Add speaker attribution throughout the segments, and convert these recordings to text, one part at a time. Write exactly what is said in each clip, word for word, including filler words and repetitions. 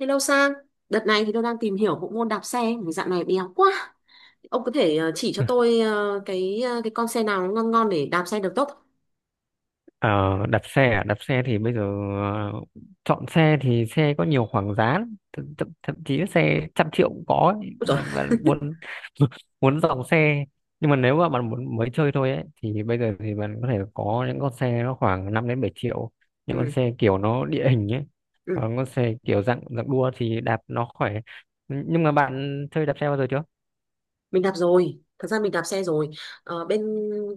Speaker 1: Hello Sang, đợt này thì tôi đang tìm hiểu bộ môn đạp xe, vì dạo này béo quá. Ông có thể ờ, chỉ cho tôi ờ, cái ờ, cái con xe nào ngon ngon để đạp xe được tốt không?
Speaker 2: Ờ, đặt xe à? Đặt xe thì bây giờ ờ, chọn xe thì xe có nhiều khoảng giá lắm. thậm, thậm, thậm chí xe trăm triệu cũng có ấy.
Speaker 1: Ôi dồi,
Speaker 2: Mà- mà muốn muốn dòng xe, nhưng mà nếu mà bạn muốn mới chơi thôi ấy thì bây giờ thì bạn có thể có những con xe nó khoảng năm đến bảy triệu, những con
Speaker 1: ừ,
Speaker 2: xe kiểu nó địa hình ấy.
Speaker 1: ừ.
Speaker 2: Còn con xe kiểu dạng dạng đua thì đạp nó khỏe. Nhưng mà bạn chơi đạp xe bao giờ chưa?
Speaker 1: Mình đạp rồi, thật ra mình đạp xe rồi. Ờ, bên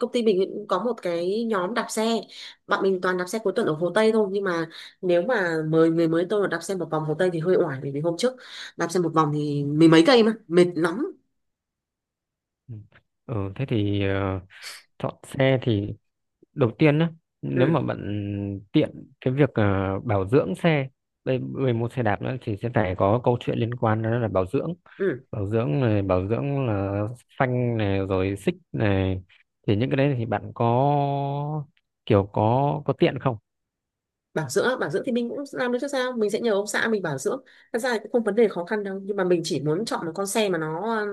Speaker 1: công ty mình cũng có một cái nhóm đạp xe, bọn mình toàn đạp xe cuối tuần ở Hồ Tây thôi. Nhưng mà nếu mà mời người mới tôi mà đạp xe một vòng Hồ Tây thì hơi oải, bởi vì hôm trước đạp xe một vòng thì mười mấy cây mà mệt lắm.
Speaker 2: Ừ, ừ, thế thì ờ, chọn xe thì đầu tiên á, nếu
Speaker 1: Ừ,
Speaker 2: mà bạn tiện cái việc ờ, bảo dưỡng xe, đây người mua xe đạp nữa thì sẽ phải có câu chuyện liên quan đó là bảo dưỡng.
Speaker 1: ừ.
Speaker 2: Bảo dưỡng này, bảo dưỡng là phanh này rồi xích này, thì những cái đấy thì bạn có kiểu có có tiện không?
Speaker 1: bảo dưỡng bảo dưỡng thì mình cũng làm được chứ sao, mình sẽ nhờ ông xã mình bảo dưỡng. Thật ra thì cũng không vấn đề khó khăn đâu, nhưng mà mình chỉ muốn chọn một con xe mà nó um,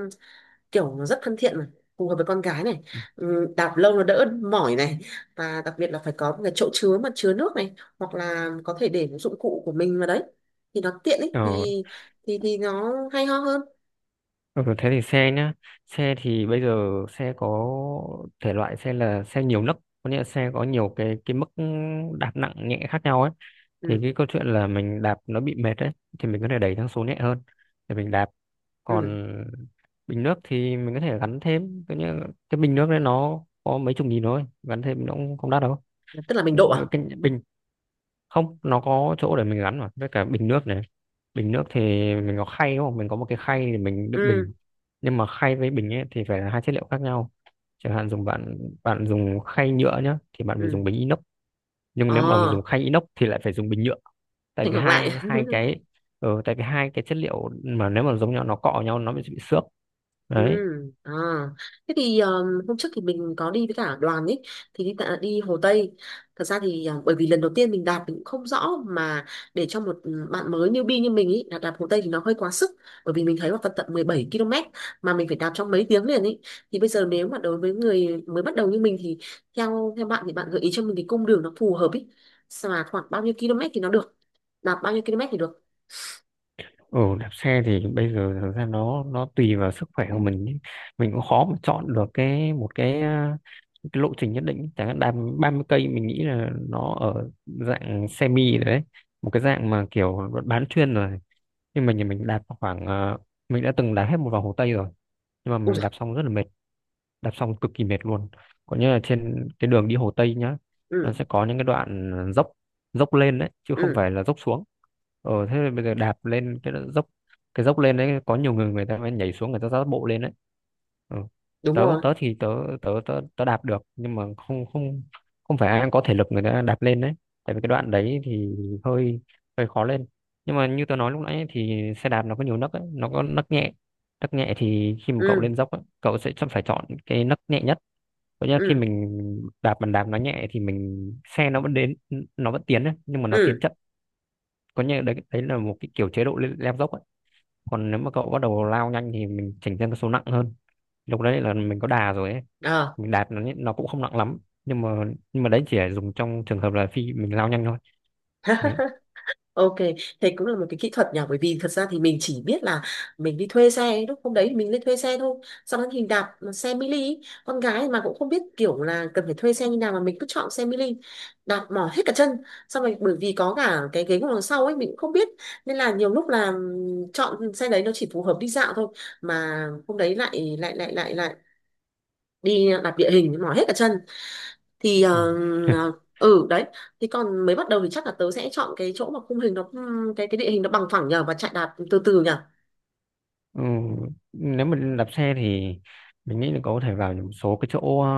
Speaker 1: kiểu nó rất thân thiện mà phù hợp với con gái này. Ừm, đạp lâu nó đỡ mỏi này, và đặc biệt là phải có một cái chỗ chứa mà chứa nước này, hoặc là có thể để một dụng cụ của mình vào đấy thì nó tiện ấy,
Speaker 2: Ờ,
Speaker 1: thì thì thì nó hay ho hơn.
Speaker 2: ừ, thế thì xe nhá, xe thì bây giờ xe có thể loại xe là xe nhiều nấc, có nghĩa là xe có nhiều cái cái mức đạp nặng nhẹ khác nhau ấy. Thì
Speaker 1: Ừ,
Speaker 2: cái câu chuyện là mình đạp nó bị mệt đấy thì mình có thể đẩy sang số nhẹ hơn để mình đạp.
Speaker 1: ừ.
Speaker 2: Còn bình nước thì mình có thể gắn thêm cái, như, cái bình nước đấy nó có mấy chục nghìn thôi, gắn thêm nó cũng không đắt đâu.
Speaker 1: Tức là mình độ à?
Speaker 2: Cái bình, không, nó có chỗ để mình gắn mà, với cả bình nước này. Bình nước thì mình có khay đúng không, mình có một cái khay để mình đựng
Speaker 1: Ừ,
Speaker 2: bình. Nhưng mà khay với bình ấy thì phải là hai chất liệu khác nhau. Chẳng hạn dùng, bạn bạn dùng khay nhựa nhá thì bạn phải dùng
Speaker 1: ừ.
Speaker 2: bình inox, nhưng nếu mà
Speaker 1: Ờ,
Speaker 2: dùng khay inox thì lại phải dùng bình nhựa. Tại
Speaker 1: thành
Speaker 2: vì
Speaker 1: ngược lại.
Speaker 2: hai hai cái, ừ, tại vì hai cái chất liệu mà nếu mà giống nhau nó cọ nhau nó bị bị xước
Speaker 1: Ừ,
Speaker 2: đấy.
Speaker 1: à. Thế thì um, hôm trước thì mình có đi với cả đoàn ấy, thì đi tạ- đi Hồ Tây. Thật ra thì um, bởi vì lần đầu tiên mình đạp mình cũng không rõ, mà để cho một um, bạn mới newbie như mình ấy đạp, đạp Hồ Tây thì nó hơi quá sức, bởi vì mình thấy là phần tận mười bảy cây mà mình phải đạp trong mấy tiếng liền ấy. Thì bây giờ nếu mà đối với người mới bắt đầu như mình thì theo theo bạn thì bạn gợi ý cho mình cái cung đường nó phù hợp ấy. Sao mà khoảng bao nhiêu km thì nó được? Đạp bao nhiêu km thì được?
Speaker 2: Ừ, đạp xe thì bây giờ thực ra nó nó tùy vào sức khỏe của mình ý. Mình cũng khó mà chọn được cái một cái, à, cái lộ trình nhất định, chẳng hạn đạp ba mươi cây mình nghĩ là nó ở dạng semi rồi đấy, một cái dạng mà kiểu bán chuyên rồi. Nhưng mà nhà mình đạp khoảng à, mình đã từng đạp hết một vòng Hồ Tây rồi, nhưng mà
Speaker 1: Ui
Speaker 2: mình
Speaker 1: giời,
Speaker 2: đạp xong rất là mệt, đạp xong cực kỳ mệt luôn. Có như là trên cái đường đi Hồ Tây nhá, nó
Speaker 1: ừ,
Speaker 2: sẽ có những cái đoạn dốc, dốc lên đấy chứ không
Speaker 1: ừ,
Speaker 2: phải là dốc xuống. Ờ thế bây giờ đạp lên cái đoạn dốc, cái dốc lên đấy có nhiều người, người ta mới nhảy xuống người ta dắt bộ lên đấy. Ừ.
Speaker 1: đúng
Speaker 2: tớ
Speaker 1: rồi.
Speaker 2: tớ thì tớ tớ tớ tớ đạp được, nhưng mà không không không phải ai cũng có thể lực người ta đạp lên đấy, tại vì cái đoạn đấy thì hơi, hơi khó lên. Nhưng mà như tớ nói lúc nãy ấy, thì xe đạp nó có nhiều nấc ấy, nó có nấc nhẹ. Nấc nhẹ thì khi mà cậu
Speaker 1: Ừ,
Speaker 2: lên dốc á, cậu sẽ chọn- phải chọn cái nấc nhẹ nhất, có nghĩa là khi
Speaker 1: ừ,
Speaker 2: mình đạp bàn đạp nó nhẹ thì mình xe nó vẫn đến, nó vẫn tiến ấy, nhưng mà nó tiến
Speaker 1: ừ.
Speaker 2: chậm. Có nghĩa là đấy, đấy là một cái kiểu chế độ leo leo dốc ấy. Còn nếu mà cậu bắt đầu lao nhanh thì mình chỉnh sang cái số nặng hơn, lúc đấy là mình có đà rồi ấy.
Speaker 1: Ờ.
Speaker 2: Mình đạp nó nó cũng không nặng lắm, nhưng mà nhưng mà đấy chỉ là dùng trong trường hợp là khi mình lao nhanh thôi, đấy.
Speaker 1: Ok, thế cũng là một cái kỹ thuật nhỉ, bởi vì thật ra thì mình chỉ biết là mình đi thuê xe ấy, lúc hôm đấy thì mình lên thuê xe thôi, xong đó thì đạp xe mini ý. Con gái mà cũng không biết kiểu là cần phải thuê xe như nào mà mình cứ chọn xe mini, đạp mỏi hết cả chân. Xong rồi bởi vì có cả cái ghế ngồi đằng sau ấy mình cũng không biết, nên là nhiều lúc là ừm, chọn xe đấy nó chỉ phù hợp đi dạo thôi, mà hôm đấy lại lại lại lại lại đi đạp địa hình mỏi hết cả chân, thì
Speaker 2: Ừ.
Speaker 1: ờ, ờ, ừ đấy. Thì còn mới bắt đầu thì chắc là tớ sẽ chọn cái chỗ mà khung hình nó, cái cái địa hình nó bằng phẳng nhờ, và chạy đạp từ từ nhờ.
Speaker 2: Ừ, nếu mà đạp xe thì mình nghĩ là cậu có thể vào những số cái chỗ ờ,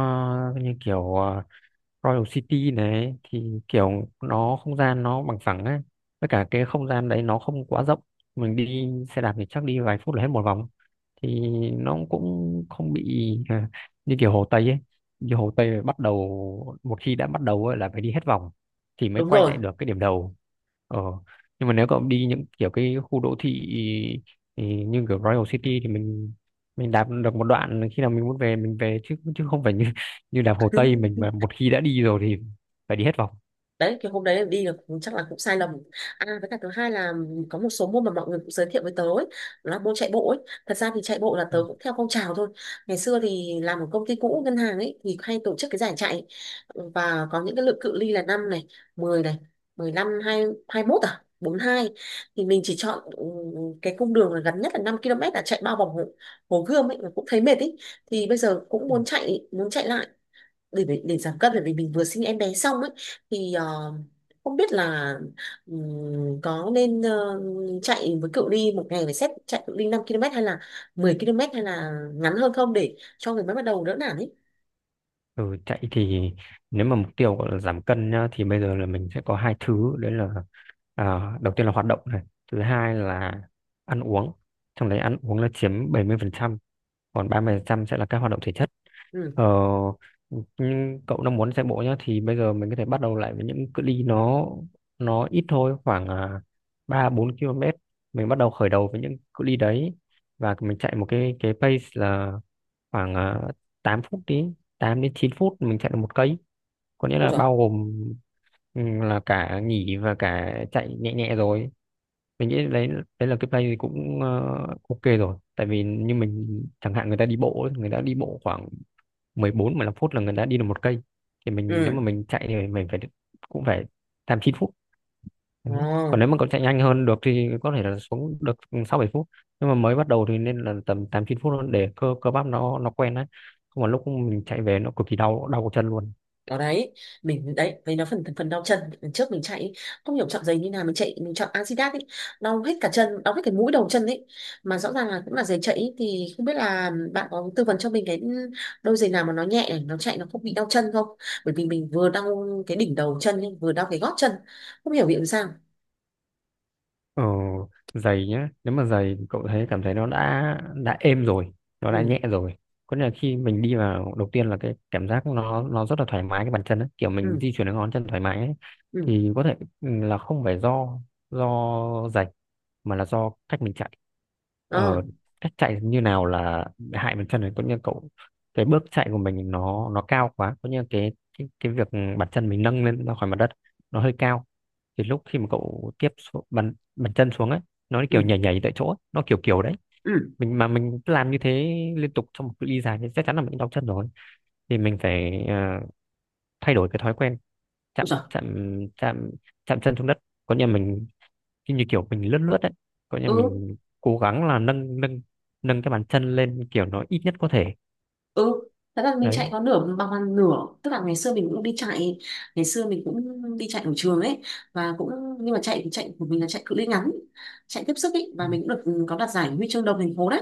Speaker 2: như kiểu ờ, Royal City này, thì kiểu nó không gian nó bằng phẳng á, với cả cái không gian đấy nó không quá rộng, mình đi xe đạp thì chắc đi vài phút là hết một vòng. Thì nó cũng không bị à, như kiểu Hồ Tây ấy. Như Hồ Tây là bắt đầu một khi đã bắt đầu ấy, là phải đi hết vòng thì mới
Speaker 1: Đúng
Speaker 2: quay
Speaker 1: rồi.
Speaker 2: lại được cái điểm đầu. Ờ, nhưng mà nếu cậu đi những kiểu cái khu đô thị thì như kiểu Royal City thì mình mình đạp được một đoạn, khi nào mình muốn về mình về, chứ chứ không phải như như đạp Hồ Tây mình mà một khi đã đi rồi thì phải đi hết vòng.
Speaker 1: Đấy, cái hôm đấy đi là cũng- chắc là cũng sai lầm. À với cả thứ hai là có một số môn mà mọi người cũng giới thiệu với tớ ấy, là môn chạy bộ ấy. Thật ra thì chạy bộ là
Speaker 2: Ừ.
Speaker 1: tớ cũng theo phong trào thôi. Ngày xưa thì làm ở công ty cũ ngân hàng ấy thì hay tổ chức cái giải chạy, và có những cái lượng cự ly là năm này, mười này, mười lăm, hai hai mốt, à bốn hai, thì mình chỉ chọn ừ, cái cung đường là gần nhất là năm cây, là chạy bao vòng hồ, hồ Gươm ấy mà cũng thấy mệt ấy. Thì bây giờ cũng
Speaker 2: Ừ.
Speaker 1: muốn chạy, muốn chạy lại để để, để giảm cân bởi vì mình vừa sinh em bé xong ấy, thì ờ, không biết là ừm, có nên ờ, chạy với cự ly một ngày phải xét chạy cự ly năm cây, hay là mười cây, hay là ngắn hơn không để cho người mới bắt đầu đỡ nản ấy.
Speaker 2: Ừ, chạy thì nếu mà mục tiêu gọi là giảm cân nhá, thì bây giờ là mình sẽ có hai thứ đấy là à, đầu tiên là hoạt động này, thứ hai là ăn uống. Trong đấy ăn uống là chiếm bảy mươi phần trăm, còn ba mươi phần trăm sẽ là các hoạt động thể chất.
Speaker 1: Ừ.
Speaker 2: ờ, nhưng cậu đang muốn chạy bộ nhá thì bây giờ mình có thể bắt đầu lại với những cự ly nó nó ít thôi, khoảng à, ba bốn ki lô mét, mình bắt đầu khởi đầu với những cự ly đấy. Và mình chạy một cái cái pace là khoảng à, tám phút, đi tám đến chín phút mình chạy được một cây, có nghĩa
Speaker 1: Ôi
Speaker 2: là
Speaker 1: trời.
Speaker 2: bao gồm, ừ, là cả nghỉ và cả chạy nhẹ nhẹ rồi. Mình nghĩ đấy, đấy là cái play thì cũng ờ, ok rồi, tại vì như mình chẳng hạn, người ta đi bộ ấy, người ta đi bộ khoảng mười bốn mười lăm phút là người ta đi được một cây. Thì mình nếu mà
Speaker 1: Ừ.
Speaker 2: mình chạy thì mình phải cũng phải tám chín phút.
Speaker 1: Ờ.
Speaker 2: Đấy. Còn nếu mà còn chạy nhanh hơn được thì có thể là xuống được sáu bảy phút, nhưng mà mới bắt đầu thì nên là tầm tám chín phút hơn để cơ cơ bắp nó nó quen đấy, không mà lúc mình chạy về nó cực kỳ đau, đau cổ chân luôn.
Speaker 1: Đó đấy, mình đấy với nó phần phần đau chân lần trước mình chạy ý, không hiểu chọn giày như nào, mình chạy mình chọn Adidas ấy, đau hết cả chân, đau hết cái mũi đầu chân ấy, mà rõ ràng là cũng là giày chạy ý. Thì không biết là bạn có tư vấn cho mình cái đôi giày nào mà nó nhẹ để nó chạy nó không bị đau chân không, bởi vì mình vừa đau cái đỉnh đầu chân ấy, vừa đau cái gót chân, không hiểu vì làm sao.
Speaker 2: Ờ, giày nhá, nếu mà giày cậu thấy cảm thấy nó đã đã êm rồi, nó
Speaker 1: Ừ,
Speaker 2: đã nhẹ rồi, có nghĩa là khi mình đi vào đầu tiên là cái cảm giác nó nó rất là thoải mái cái bàn chân ấy, kiểu mình
Speaker 1: ừ,
Speaker 2: di chuyển cái ngón chân thoải mái ấy.
Speaker 1: ừ,
Speaker 2: Thì có thể ừ, là không phải do do giày mà là do cách mình chạy.
Speaker 1: ờ,
Speaker 2: Ờ, cách chạy như nào là hại bàn chân này, có nghĩa là cậu cái bước chạy của mình nó nó cao quá, có nghĩa là cái cái, cái việc bàn chân mình nâng lên ra khỏi mặt đất nó hơi cao, thì lúc khi mà cậu tiếp xúc mặt chân xuống ấy, nó
Speaker 1: ừ,
Speaker 2: kiểu nhảy nhảy tại chỗ ấy, nó kiểu kiểu đấy
Speaker 1: ừ.
Speaker 2: mình mà mình cứ làm như thế liên tục trong một cự ly dài thì chắc chắn là mình đau chân rồi. Thì mình phải ờ, thay đổi cái thói quen
Speaker 1: Ôi
Speaker 2: chạm
Speaker 1: giời.
Speaker 2: chạm chạm chạm chân xuống đất, có nghĩa là mình như như kiểu mình lướt lướt đấy, có nghĩa là
Speaker 1: Ừ,
Speaker 2: mình cố gắng là nâng nâng nâng cái bàn chân lên kiểu nó ít nhất có thể,
Speaker 1: ừ. Thật ra mình chạy
Speaker 2: đấy.
Speaker 1: có nửa bằng bằng nửa, tức là ngày xưa mình cũng đi chạy, ngày xưa mình cũng đi chạy ở trường ấy, và cũng, nhưng mà chạy thì chạy của mình là chạy cự ly ngắn, chạy tiếp sức ấy, và mình cũng được ừ, có đạt giải huy chương đồng thành phố đấy.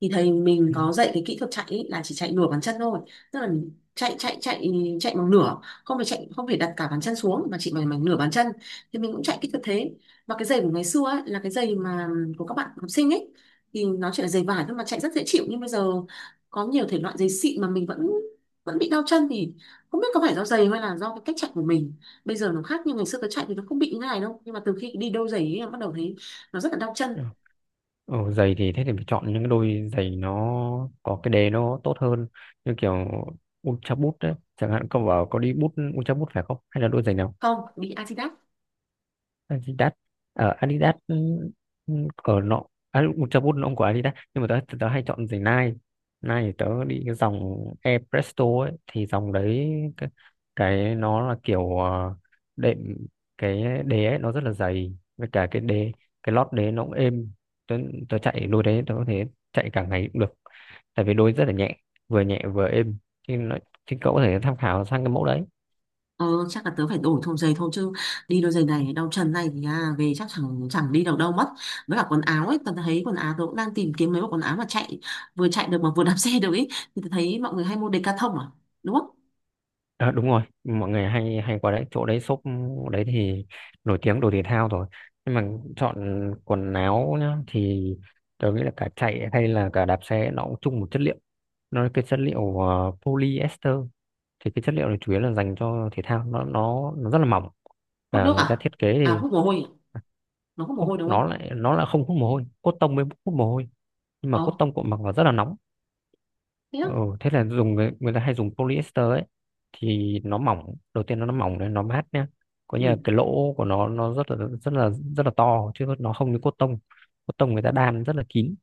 Speaker 1: Thì thầy mình
Speaker 2: Ừ.
Speaker 1: có dạy cái kỹ thuật chạy ấy, là chỉ chạy nửa bàn chân thôi, tức là chạy chạy chạy chạy bằng nửa, không phải chạy, không phải đặt cả bàn chân xuống mà chỉ bằng, bằng nửa bàn chân. Thì mình cũng chạy kỹ thuật thế, và cái giày của ngày xưa ấy, là cái giày mà ừ, của các bạn học sinh ấy, thì nó chỉ là giày vải thôi mà chạy rất dễ chịu. Nhưng bây giờ có nhiều thể loại giày xịn mà mình vẫn vẫn bị đau chân, thì không biết có phải do giày hay là do cái cách chạy của mình. Bây giờ nó khác, nhưng ngày xưa cái chạy thì nó không bị như này đâu, nhưng mà từ khi đi đôi giày ấy, em bắt đầu thấy nó rất là đau
Speaker 2: Ừ.
Speaker 1: chân.
Speaker 2: Ồ, giày thì thế thì phải chọn những cái đôi giày nó có cái đế nó tốt hơn, như kiểu Ultra Boost đấy chẳng hạn. Cậu bảo có đi bút Ultra Boost phải không hay là đôi giày nào?
Speaker 1: Không, đi Adidas.
Speaker 2: Adidas. Ở Adidas, ừ, ừ, ở nọ, à, cho bút nó không của Adidas. Nhưng mà tớ tớ hay chọn giày Nike. Nike thì tớ đi cái dòng Air Presto ấy, thì dòng đấy cái, cái nó là kiểu ờ, đệm cái đế ấy, nó rất là dày, với cả cái đế, cái lót đế nó cũng êm. tớ, Tớ chạy đôi đấy tớ có thể chạy cả ngày cũng được, tại vì đôi rất là nhẹ, vừa nhẹ vừa êm. thì, nó, thì cậu có thể tham khảo sang cái mẫu đấy.
Speaker 1: Ờ chắc là tớ phải đổi thùng giày thôi chứ, đi đôi giày này đau chân này thì à, về chắc chẳng chẳng đi được đâu mất. Với cả quần áo ấy, tớ thấy quần áo tớ cũng đang tìm kiếm mấy bộ quần áo mà chạy, vừa chạy được mà vừa đạp xe được ấy. Thì tớ thấy mọi người hay mua Decathlon à, đúng không?
Speaker 2: Ờ, đúng rồi, mọi người hay hay qua đấy, chỗ đấy shop đấy thì nổi tiếng đồ thể thao rồi. Nhưng mà chọn quần áo nhá thì tôi nghĩ là cả chạy hay là cả đạp xe nó cũng chung một chất liệu, nó là cái chất liệu ờ, polyester. Thì cái chất liệu này chủ yếu là dành cho thể thao, nó nó nó rất là mỏng,
Speaker 1: Hút
Speaker 2: và
Speaker 1: nước
Speaker 2: người ta
Speaker 1: à?
Speaker 2: thiết kế
Speaker 1: À
Speaker 2: thì
Speaker 1: hút mồ hôi à? Nó hút mồ
Speaker 2: không,
Speaker 1: hôi đúng
Speaker 2: nó
Speaker 1: không?
Speaker 2: lại nó lại không hút mồ hôi, cotton mới hút mồ hôi, nhưng mà
Speaker 1: Ờ,
Speaker 2: cotton cũng mặc vào rất là nóng.
Speaker 1: thế á.
Speaker 2: Ồ, thế là dùng người, người ta hay dùng polyester ấy, thì nó mỏng, đầu tiên nó nó mỏng đấy, nó mát nhá, có nghĩa là
Speaker 1: Ừ.
Speaker 2: cái lỗ của nó nó rất là rất là rất là to Chứ nó không như cốt tông. Cốt tông người ta đan rất là kín,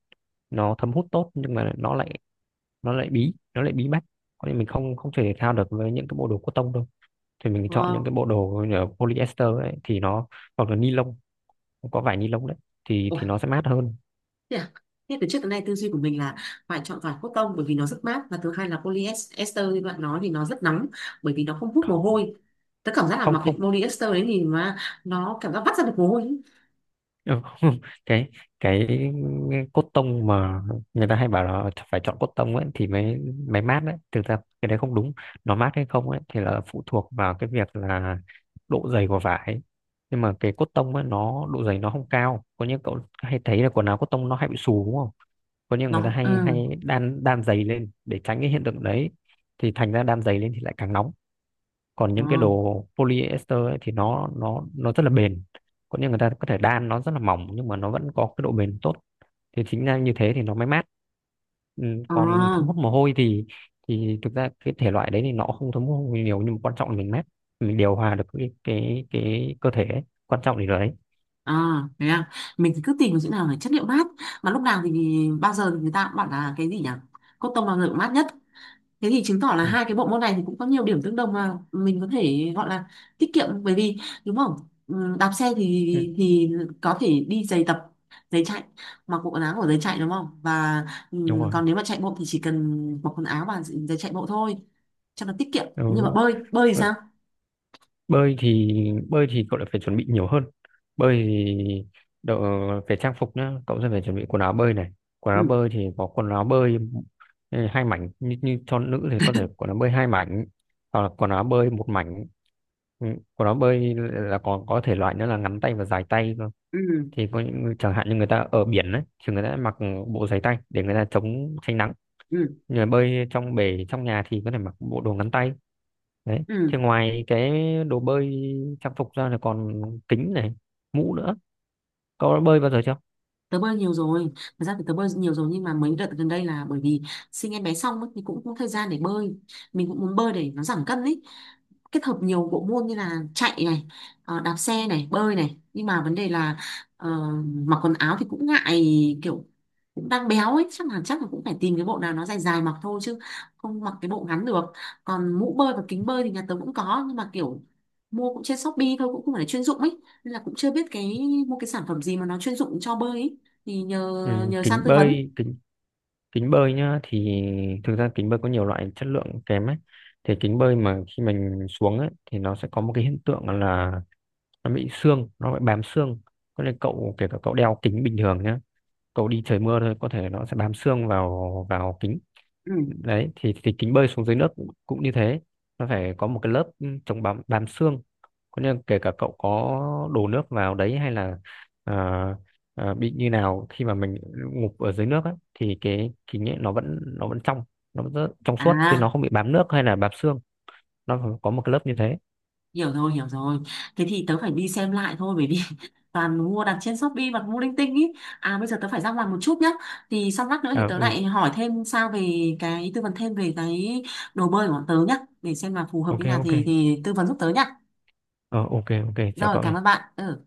Speaker 2: nó thấm hút tốt nhưng mà nó lại nó lại bí, nó lại bí mắt. Có nên mình không không chơi thể thao được với những cái bộ đồ cốt tông đâu. Thì mình
Speaker 1: Ờ.
Speaker 2: chọn những cái bộ đồ như là polyester ấy, thì nó hoặc là ni lông, có vải ni lông đấy, thì
Speaker 1: Ủa,
Speaker 2: thì nó sẽ mát hơn.
Speaker 1: thế à? Thế từ trước tới nay tư duy của mình là phải chọn vải cotton bởi vì nó rất mát, và thứ hai là polyester như bạn nói thì nó rất nóng bởi vì nó không hút mồ
Speaker 2: Không,
Speaker 1: hôi. Tớ cảm giác là
Speaker 2: không,
Speaker 1: mặc cái
Speaker 2: không.
Speaker 1: polyester đấy thì mà nó cảm giác vắt ra được mồ hôi ấy.
Speaker 2: Ừ, cái cái cốt tông mà người ta hay bảo là phải chọn cốt tông ấy thì mới mới mát đấy, thực ra cái đấy không đúng. Nó mát hay không ấy thì là phụ thuộc vào cái việc là độ dày của vải. Nhưng mà cái cốt tông ấy nó độ dày nó không cao, có những cậu hay thấy là quần áo cốt tông nó hay bị xù đúng không, có những người ta
Speaker 1: Nó
Speaker 2: hay
Speaker 1: ừ.
Speaker 2: hay đan, đan dày lên để tránh cái hiện tượng đấy. Thì thành ra đan dày lên thì lại càng nóng. Còn
Speaker 1: Ờ,
Speaker 2: những cái đồ polyester ấy, thì nó nó nó rất là bền, có những người ta có thể đan nó rất là mỏng nhưng mà nó vẫn có cái độ bền tốt. Thì chính ra như thế thì nó mới mát. Ừ,
Speaker 1: ờ,
Speaker 2: còn thấm hút mồ hôi thì thì thực ra cái thể loại đấy thì nó không thấm hút mồ hôi nhiều, nhưng mà quan trọng là mình mát, mình điều hòa được cái cái cái cơ thể ấy. Quan trọng thì là đấy.
Speaker 1: ờ, thế à. Mình thì cứ tìm cái chỗ nào là chất liệu mát, mà lúc nào thì, bao giờ thì người ta cũng bảo là cái gì nhỉ? Cotton bao giờ cũng mát nhất. Thế thì chứng tỏ là
Speaker 2: Ừ,
Speaker 1: hai cái bộ môn này thì cũng có nhiều điểm tương đồng mà mình có thể gọi là tiết kiệm, bởi vì đúng không? Ừ, đạp xe
Speaker 2: ừ,
Speaker 1: thì thì có thể đi giày tập, giày chạy, mặc bộ quần áo của giày chạy đúng không? Và
Speaker 2: đúng
Speaker 1: ừ,
Speaker 2: rồi.
Speaker 1: còn nếu mà chạy bộ thì chỉ cần mặc quần áo và giày chạy bộ thôi cho nó tiết kiệm.
Speaker 2: Ừ.
Speaker 1: Nhưng mà bơi, bơi thì
Speaker 2: Ừ.
Speaker 1: sao?
Speaker 2: bơi thì bơi thì cậu lại phải chuẩn bị nhiều hơn. Bơi thì đợ, về trang phục nhá, cậu sẽ phải chuẩn bị quần áo bơi này. quần áo
Speaker 1: Ừ,
Speaker 2: bơi thì có quần áo bơi, ừ, hai mảnh, như, như cho nữ thì có thể quần áo bơi hai mảnh hoặc là quần áo bơi một mảnh. Ừ, quần áo bơi là còn có thể loại nữa là ngắn tay và dài tay cơ.
Speaker 1: ừ,
Speaker 2: Thì có những người- chẳng hạn như người ta ở biển đấy thì người ta mặc bộ giày tay để người ta chống tránh nắng.
Speaker 1: ừ,
Speaker 2: Người bơi trong bể trong nhà thì có thể mặc bộ đồ ngắn tay. Đấy
Speaker 1: ừ.
Speaker 2: thì ngoài cái đồ bơi trang phục ra là còn kính này, mũ nữa. Có bơi bao giờ chưa?
Speaker 1: Tớ bơi nhiều rồi, thật ra thì tớ bơi nhiều rồi, nhưng mà mấy đợt gần đây là bởi vì sinh em bé xong ấy, thì cũng không có thời gian để bơi. Mình cũng muốn bơi để nó giảm cân ý, kết hợp nhiều bộ môn như là chạy này, ờ, đạp xe này, bơi này, nhưng mà vấn đề là ờ, mặc quần áo thì cũng ngại, kiểu cũng đang béo ấy, chắc là chắc là cũng phải tìm cái bộ nào nó dài dài mặc thôi chứ không mặc cái bộ ngắn được. Còn mũ bơi và kính bơi thì nhà tớ cũng có, nhưng mà kiểu mua cũng trên Shopee thôi, cũng không phải là chuyên dụng ấy, nên là cũng chưa biết cái mua cái sản phẩm gì mà nó chuyên dụng cho bơi ấy, thì nhờ,
Speaker 2: Ừ,
Speaker 1: nhờ sang
Speaker 2: kính
Speaker 1: tư vấn.
Speaker 2: bơi, kính kính bơi nhá, thì thực ra kính bơi có nhiều loại chất lượng kém ấy. Thì kính bơi mà khi mình xuống ấy thì nó sẽ có một cái hiện tượng là nó bị xương, nó bị bám xương. Có nên cậu kể cả cậu đeo kính bình thường nhá, cậu đi trời mưa thôi có thể nó sẽ bám xương vào vào kính.
Speaker 1: Ừ.
Speaker 2: Đấy thì thì kính bơi xuống dưới nước cũng, cũng như thế. Nó phải có một cái lớp, ừ, chống bám, bám xương có nghĩa là kể cả cậu có đổ nước vào đấy hay là ờ, ờ, bị như nào khi mà mình ngụp ở dưới nước ấy, thì cái kính ấy nó vẫn nó vẫn trong, nó vẫn rất trong suốt chứ nó
Speaker 1: À,
Speaker 2: không bị bám nước hay là bám xương. Nó có một cái lớp như thế.
Speaker 1: hiểu rồi, hiểu rồi. Thế thì tớ phải đi xem lại thôi bởi vì toàn mua đặt trên Shopee và mua linh tinh ý. À bây giờ tớ phải ra ngoài một chút nhá, thì xong lát nữa thì
Speaker 2: À,
Speaker 1: tớ
Speaker 2: ừ,
Speaker 1: lại hỏi thêm sao về cái, tư vấn thêm về cái đồ bơi của bọn tớ nhá, để xem là phù hợp như
Speaker 2: ok
Speaker 1: nào
Speaker 2: ok.
Speaker 1: thì thì tư vấn giúp tớ nhá.
Speaker 2: Ờ, ok ok, chào
Speaker 1: Rồi,
Speaker 2: cậu
Speaker 1: cảm ơn
Speaker 2: nhé.
Speaker 1: bạn. Ừ.